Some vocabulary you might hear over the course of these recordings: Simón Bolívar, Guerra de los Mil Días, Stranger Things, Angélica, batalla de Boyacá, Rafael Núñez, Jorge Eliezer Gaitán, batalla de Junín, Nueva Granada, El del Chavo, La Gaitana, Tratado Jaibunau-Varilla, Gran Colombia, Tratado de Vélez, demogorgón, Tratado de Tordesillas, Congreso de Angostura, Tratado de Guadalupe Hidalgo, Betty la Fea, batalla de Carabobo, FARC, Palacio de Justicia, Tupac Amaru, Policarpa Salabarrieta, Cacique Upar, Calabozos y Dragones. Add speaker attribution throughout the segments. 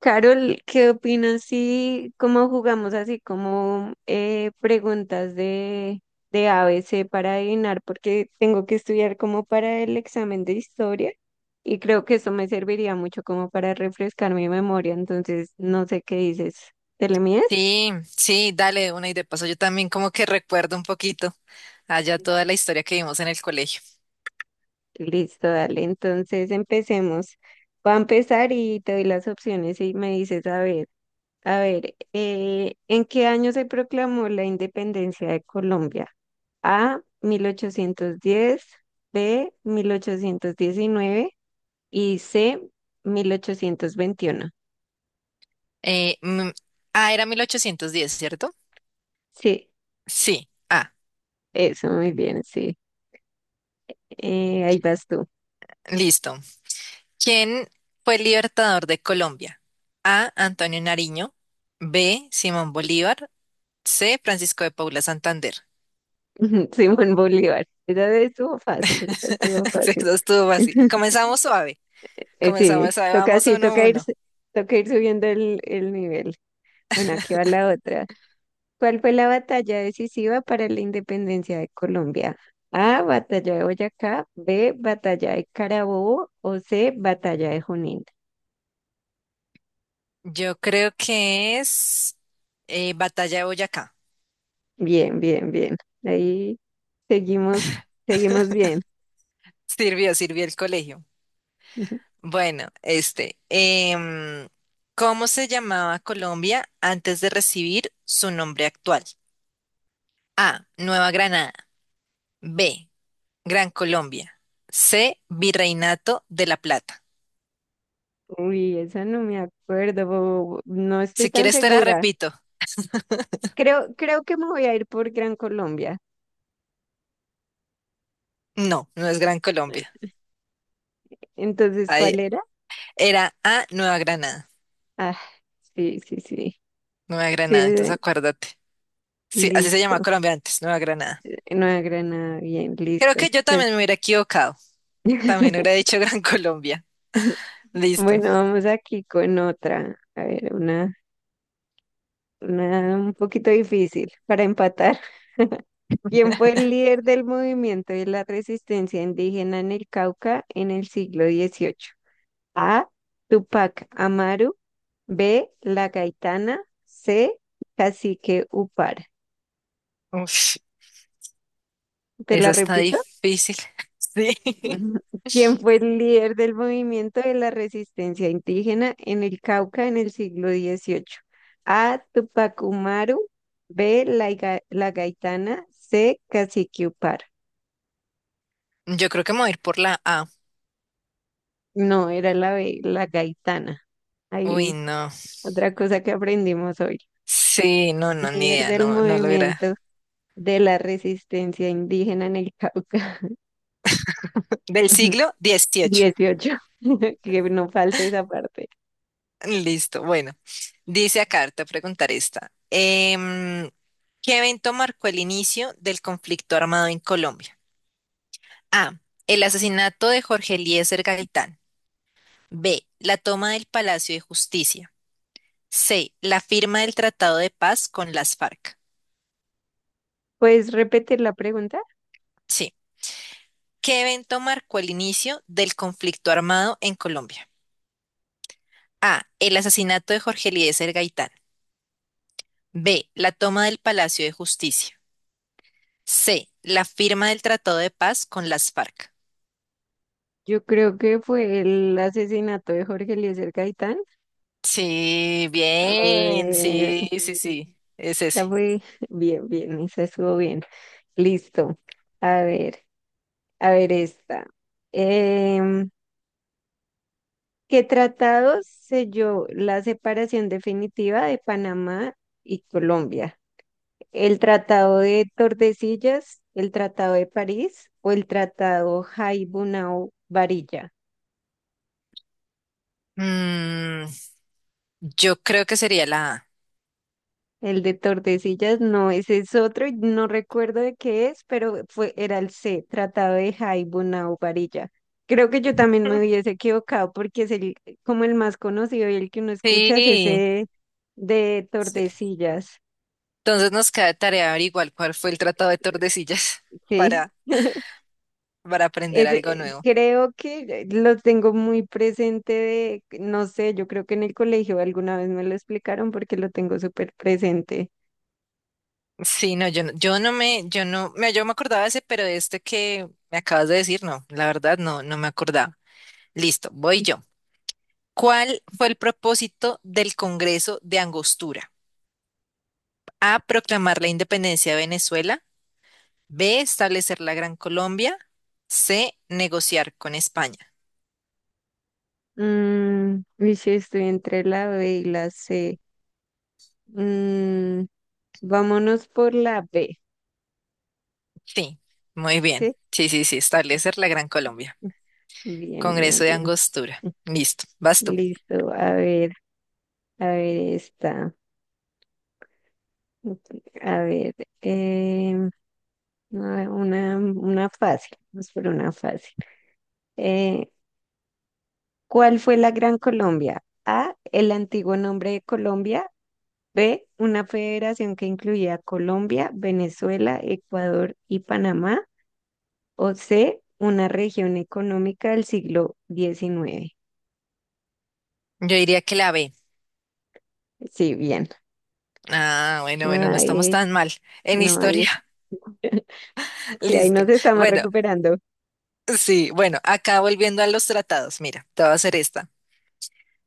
Speaker 1: Carol, ¿qué opinas si como jugamos así como preguntas de ABC para adivinar? Porque tengo que estudiar como para el examen de historia y creo que eso me serviría mucho como para refrescar mi memoria. Entonces, no sé qué dices. ¿Te le mides?
Speaker 2: Sí, sí, dale de una y de paso yo también como que recuerdo un poquito allá toda la historia que vimos en el colegio.
Speaker 1: Listo, dale. Entonces, empecemos. Voy a empezar y te doy las opciones y me dices, a ver, ¿en qué año se proclamó la independencia de Colombia? A, 1810; B, 1819; y C, 1821.
Speaker 2: Eh, mm, ah, era 1810, ¿cierto?
Speaker 1: Sí,
Speaker 2: Sí. Ah,
Speaker 1: eso, muy bien, sí. Ahí vas tú.
Speaker 2: listo. ¿Quién fue el libertador de Colombia? A. Antonio Nariño. B. Simón Bolívar. C. Francisco de Paula Santander.
Speaker 1: Simón Bolívar. Esa estuvo fácil, esa estuvo
Speaker 2: Sí,
Speaker 1: fácil.
Speaker 2: eso estuvo así. Comenzamos suave.
Speaker 1: Sí,
Speaker 2: Comenzamos suave. Vamos
Speaker 1: sí,
Speaker 2: uno a uno.
Speaker 1: toca ir subiendo el nivel. Bueno, aquí va la otra. ¿Cuál fue la batalla decisiva para la independencia de Colombia? A, batalla de Boyacá; B, batalla de Carabobo; o C, batalla de Junín.
Speaker 2: Yo creo que es Batalla de Boyacá.
Speaker 1: Bien, bien, bien. Ahí seguimos, seguimos bien.
Speaker 2: Sirvió, sirvió el colegio. Bueno, este, ¿cómo se llamaba Colombia antes de recibir su nombre actual? A, Nueva Granada. B, Gran Colombia. C, Virreinato de la Plata.
Speaker 1: Uy, esa no me acuerdo, no estoy
Speaker 2: Si
Speaker 1: tan
Speaker 2: quieres te la
Speaker 1: segura.
Speaker 2: repito.
Speaker 1: Creo que me voy a ir por Gran Colombia.
Speaker 2: No, no es Gran Colombia.
Speaker 1: Entonces,
Speaker 2: Ahí-
Speaker 1: ¿cuál era?
Speaker 2: era A, Nueva Granada.
Speaker 1: Ah, sí, sí, sí.
Speaker 2: Nueva Granada,
Speaker 1: Sí,
Speaker 2: entonces acuérdate. Sí, así se llamaba
Speaker 1: listo.
Speaker 2: Colombia antes, Nueva Granada.
Speaker 1: Nueva Granada, bien,
Speaker 2: Creo
Speaker 1: listo.
Speaker 2: que yo también me hubiera equivocado. También hubiera dicho Gran Colombia. Listo.
Speaker 1: Bueno, vamos aquí con otra. A ver, una un poquito difícil para empatar. ¿Quién fue el líder del movimiento de la resistencia indígena en el Cauca en el siglo XVIII? A. Tupac Amaru. B. La Gaitana. C. Cacique Upar.
Speaker 2: Uf.
Speaker 1: ¿Te
Speaker 2: Esa
Speaker 1: la
Speaker 2: está
Speaker 1: repito?
Speaker 2: difícil. Sí.
Speaker 1: quien fue el líder del movimiento de la resistencia indígena en el Cauca en el siglo XVIII? A. Tupac Amaru. B. La Gaitana. C. Cacique Upar.
Speaker 2: Yo creo que me voy a ir por la A.
Speaker 1: No, era la B, la Gaitana.
Speaker 2: Uy,
Speaker 1: Ahí
Speaker 2: no.
Speaker 1: otra cosa que aprendimos hoy.
Speaker 2: Sí, no, no, ni
Speaker 1: Líder
Speaker 2: idea,
Speaker 1: del
Speaker 2: no, no logra.
Speaker 1: movimiento de la resistencia indígena en el Cauca.
Speaker 2: Del siglo XVIII.
Speaker 1: Dieciocho. Que no falte esa parte.
Speaker 2: Listo, bueno. Dice acá, te voy a preguntar esta. ¿Qué evento marcó el inicio del conflicto armado en Colombia? A. El asesinato de Jorge Eliezer Gaitán. B. La toma del Palacio de Justicia. C. La firma del Tratado de Paz con las FARC.
Speaker 1: ¿Puedes repetir la pregunta?
Speaker 2: Sí. ¿Qué evento marcó el inicio del conflicto armado en Colombia? A. El asesinato de Jorge Eliezer Gaitán. B. La toma del Palacio de Justicia. C. La firma del Tratado de Paz con las FARC.
Speaker 1: Yo creo que fue el asesinato de Jorge Eliezer Gaitán.
Speaker 2: Sí,
Speaker 1: A
Speaker 2: bien.
Speaker 1: ver,
Speaker 2: Sí, sí, sí. Sí. Es
Speaker 1: esta
Speaker 2: ese.
Speaker 1: fue bien, bien, esa estuvo bien. Listo. A ver, a ver esta. Em, ¿Qué tratado selló la separación definitiva de Panamá y Colombia? ¿El Tratado de Tordesillas, el Tratado de París o el Tratado Jaibunau-Varilla?
Speaker 2: Mm, yo creo que sería la A.
Speaker 1: El de Tordesillas no, ese es otro, y no recuerdo de qué es, pero era el C, Tratado de Jaibuna o Varilla. Creo que yo también me hubiese equivocado porque como el más conocido y el que uno escucha es
Speaker 2: Sí,
Speaker 1: ese de
Speaker 2: sí.
Speaker 1: Tordesillas.
Speaker 2: Entonces nos queda de tarea averiguar cuál fue el Tratado de Tordesillas
Speaker 1: Sí.
Speaker 2: para, para aprender
Speaker 1: Ese,
Speaker 2: algo nuevo.
Speaker 1: creo que lo tengo muy presente no sé, yo creo que en el colegio alguna vez me lo explicaron porque lo tengo súper presente.
Speaker 2: Sí, no, yo no, me, yo me acordaba de ese, pero de este que me acabas de decir, no, la verdad no, no me acordaba. Listo, voy yo. ¿Cuál fue el propósito del Congreso de Angostura? A, proclamar la independencia de Venezuela. B, establecer la Gran Colombia. C, negociar con España.
Speaker 1: Mm, uy, sí, estoy entre la B y la C. Mm, vámonos por la B,
Speaker 2: Sí, muy bien.
Speaker 1: ¿sí?
Speaker 2: Sí, sí, sí, establecer la Gran Colombia.
Speaker 1: Bien, bien,
Speaker 2: Congreso de
Speaker 1: bien.
Speaker 2: Angostura. Listo, vas tú.
Speaker 1: Listo. A ver esta. A ver, em, una fácil. Vamos por una fácil. Eh, ¿Cuál fue la Gran Colombia? A, el antiguo nombre de Colombia. B, una federación que incluía a Colombia, Venezuela, Ecuador y Panamá. O C, una región económica del siglo XIX.
Speaker 2: Yo diría que la B.
Speaker 1: Sí, bien.
Speaker 2: Ah, bueno, bueno, no estamos
Speaker 1: Ay,
Speaker 2: tan mal en
Speaker 1: no,
Speaker 2: historia.
Speaker 1: sí, ahí nos
Speaker 2: Listo.
Speaker 1: estamos
Speaker 2: Bueno,
Speaker 1: recuperando.
Speaker 2: sí, bueno, acá volviendo a los tratados, mira, te voy a hacer esta.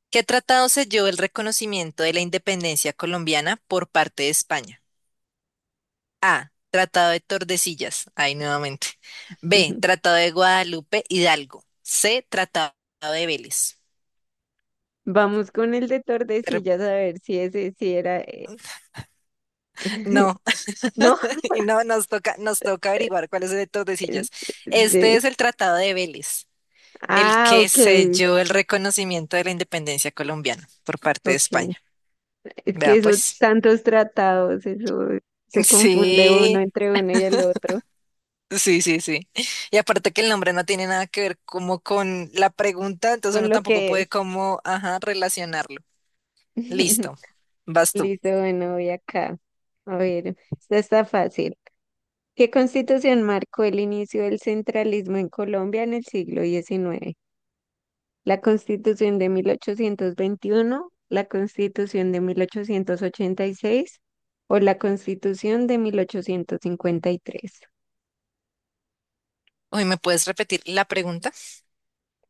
Speaker 2: ¿Qué tratado selló el reconocimiento de la independencia colombiana por parte de España? A. Tratado de Tordesillas. Ahí nuevamente. B. Tratado de Guadalupe Hidalgo. C. Tratado de Vélez.
Speaker 1: Vamos con el de
Speaker 2: Re-
Speaker 1: Tordesillas a ver si ese sí era.
Speaker 2: No,
Speaker 1: No,
Speaker 2: y no, nos toca averiguar cuál es el de
Speaker 1: es-
Speaker 2: Tordesillas. Este
Speaker 1: de-
Speaker 2: es el Tratado de Vélez, el
Speaker 1: ah,
Speaker 2: que
Speaker 1: ok,
Speaker 2: selló el reconocimiento de la independencia colombiana por parte de
Speaker 1: ok.
Speaker 2: España.
Speaker 1: Es que
Speaker 2: Vea
Speaker 1: esos
Speaker 2: pues.
Speaker 1: tantos tratados, eso se confunde uno
Speaker 2: Sí,
Speaker 1: entre uno y el otro
Speaker 2: sí, sí, sí. Y aparte que el nombre no tiene nada que ver como con la pregunta, entonces
Speaker 1: con
Speaker 2: uno
Speaker 1: lo
Speaker 2: tampoco
Speaker 1: que es.
Speaker 2: puede como, ajá, relacionarlo. Listo, vas tú.
Speaker 1: Listo, bueno, voy acá. A ver, esta está fácil. ¿Qué constitución marcó el inicio del centralismo en Colombia en el siglo XIX? La Constitución de 1821, la Constitución de 1886 o la Constitución de 1853.
Speaker 2: Uy, ¿me puedes repetir la pregunta?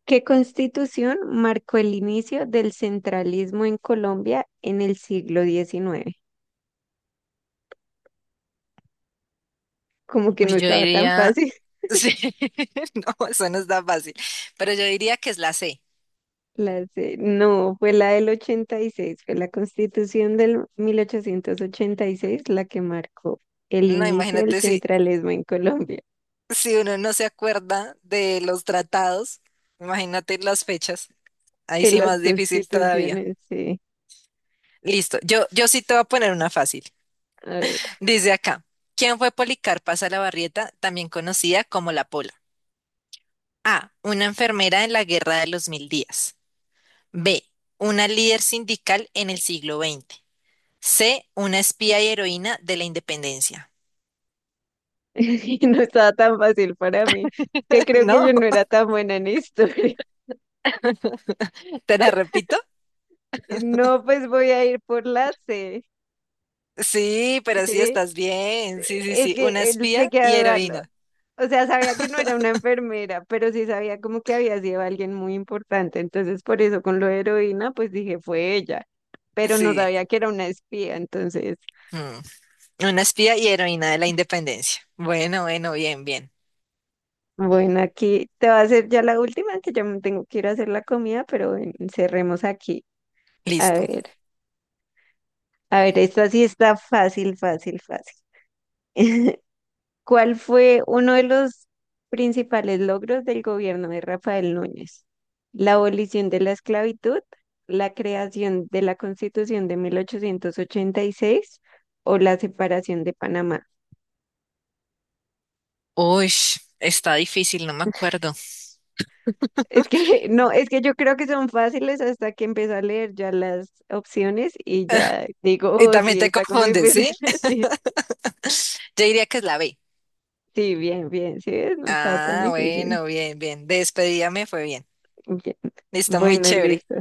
Speaker 1: ¿Qué constitución marcó el inicio del centralismo en Colombia en el siglo XIX? Como que no
Speaker 2: Uy, yo
Speaker 1: estaba tan
Speaker 2: diría,
Speaker 1: fácil.
Speaker 2: sí, no, eso no es tan fácil, pero yo diría que es la C.
Speaker 1: No, fue la del 86. Fue la constitución del 1886 la que marcó el
Speaker 2: No,
Speaker 1: inicio del
Speaker 2: imagínate si,
Speaker 1: centralismo en Colombia.
Speaker 2: si uno no se acuerda de los tratados, imagínate las fechas. Ahí
Speaker 1: De
Speaker 2: sí
Speaker 1: las
Speaker 2: más difícil todavía.
Speaker 1: constituciones, sí.
Speaker 2: Listo, yo sí te voy a poner una fácil.
Speaker 1: A ver,
Speaker 2: Dice acá, ¿quién fue Policarpa Salabarrieta, también conocida como la Pola? A, una enfermera en la Guerra de los Mil Días. B, una líder sindical en el siglo XX. C, una espía y heroína de la independencia.
Speaker 1: y no estaba tan fácil para mí, que creo que
Speaker 2: ¿No?
Speaker 1: yo no era tan buena en historia.
Speaker 2: ¿Te la repito?
Speaker 1: No, pues voy a ir por la C,
Speaker 2: Sí, pero sí
Speaker 1: ¿sí?
Speaker 2: estás bien. Sí, sí,
Speaker 1: Es
Speaker 2: sí,
Speaker 1: que
Speaker 2: una espía
Speaker 1: llegué a
Speaker 2: y
Speaker 1: dudarlo.
Speaker 2: heroína.
Speaker 1: O sea, sabía que no era una enfermera, pero sí sabía como que había sido alguien muy importante. Entonces, por eso con lo de heroína, pues dije, fue ella, pero no
Speaker 2: Sí.
Speaker 1: sabía que era una espía. Entonces,
Speaker 2: Mm, Una espía y heroína de la independencia. Bueno, bueno, bien, bien.
Speaker 1: bueno, aquí te va a hacer ya la última, que ya me tengo que ir a hacer la comida, pero bueno, cerremos aquí. A
Speaker 2: Listo.
Speaker 1: ver. A ver, esta sí está fácil, fácil, fácil. ¿Cuál fue uno de los principales logros del gobierno de Rafael Núñez? La abolición de la esclavitud, la creación de la Constitución de 1886 o la separación de Panamá.
Speaker 2: Uy, está difícil, no me acuerdo.
Speaker 1: Es que no, es que yo creo que son fáciles hasta que empiezo a leer ya las opciones y ya digo,
Speaker 2: Y
Speaker 1: oh,
Speaker 2: también
Speaker 1: sí,
Speaker 2: te
Speaker 1: está como difícil.
Speaker 2: confundes, ¿sí?
Speaker 1: Sí,
Speaker 2: Yo diría que es la B.
Speaker 1: sí, bien, bien, sí, ves, no está tan
Speaker 2: Ah,
Speaker 1: difícil.
Speaker 2: bueno, bien, bien. Despedida me fue bien.
Speaker 1: Bien.
Speaker 2: Listo, muy
Speaker 1: Bueno,
Speaker 2: chévere.
Speaker 1: listo.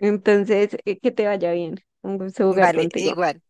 Speaker 1: Entonces, que te vaya bien. Un gusto jugar
Speaker 2: Vale, igual.
Speaker 1: contigo.
Speaker 2: Igual.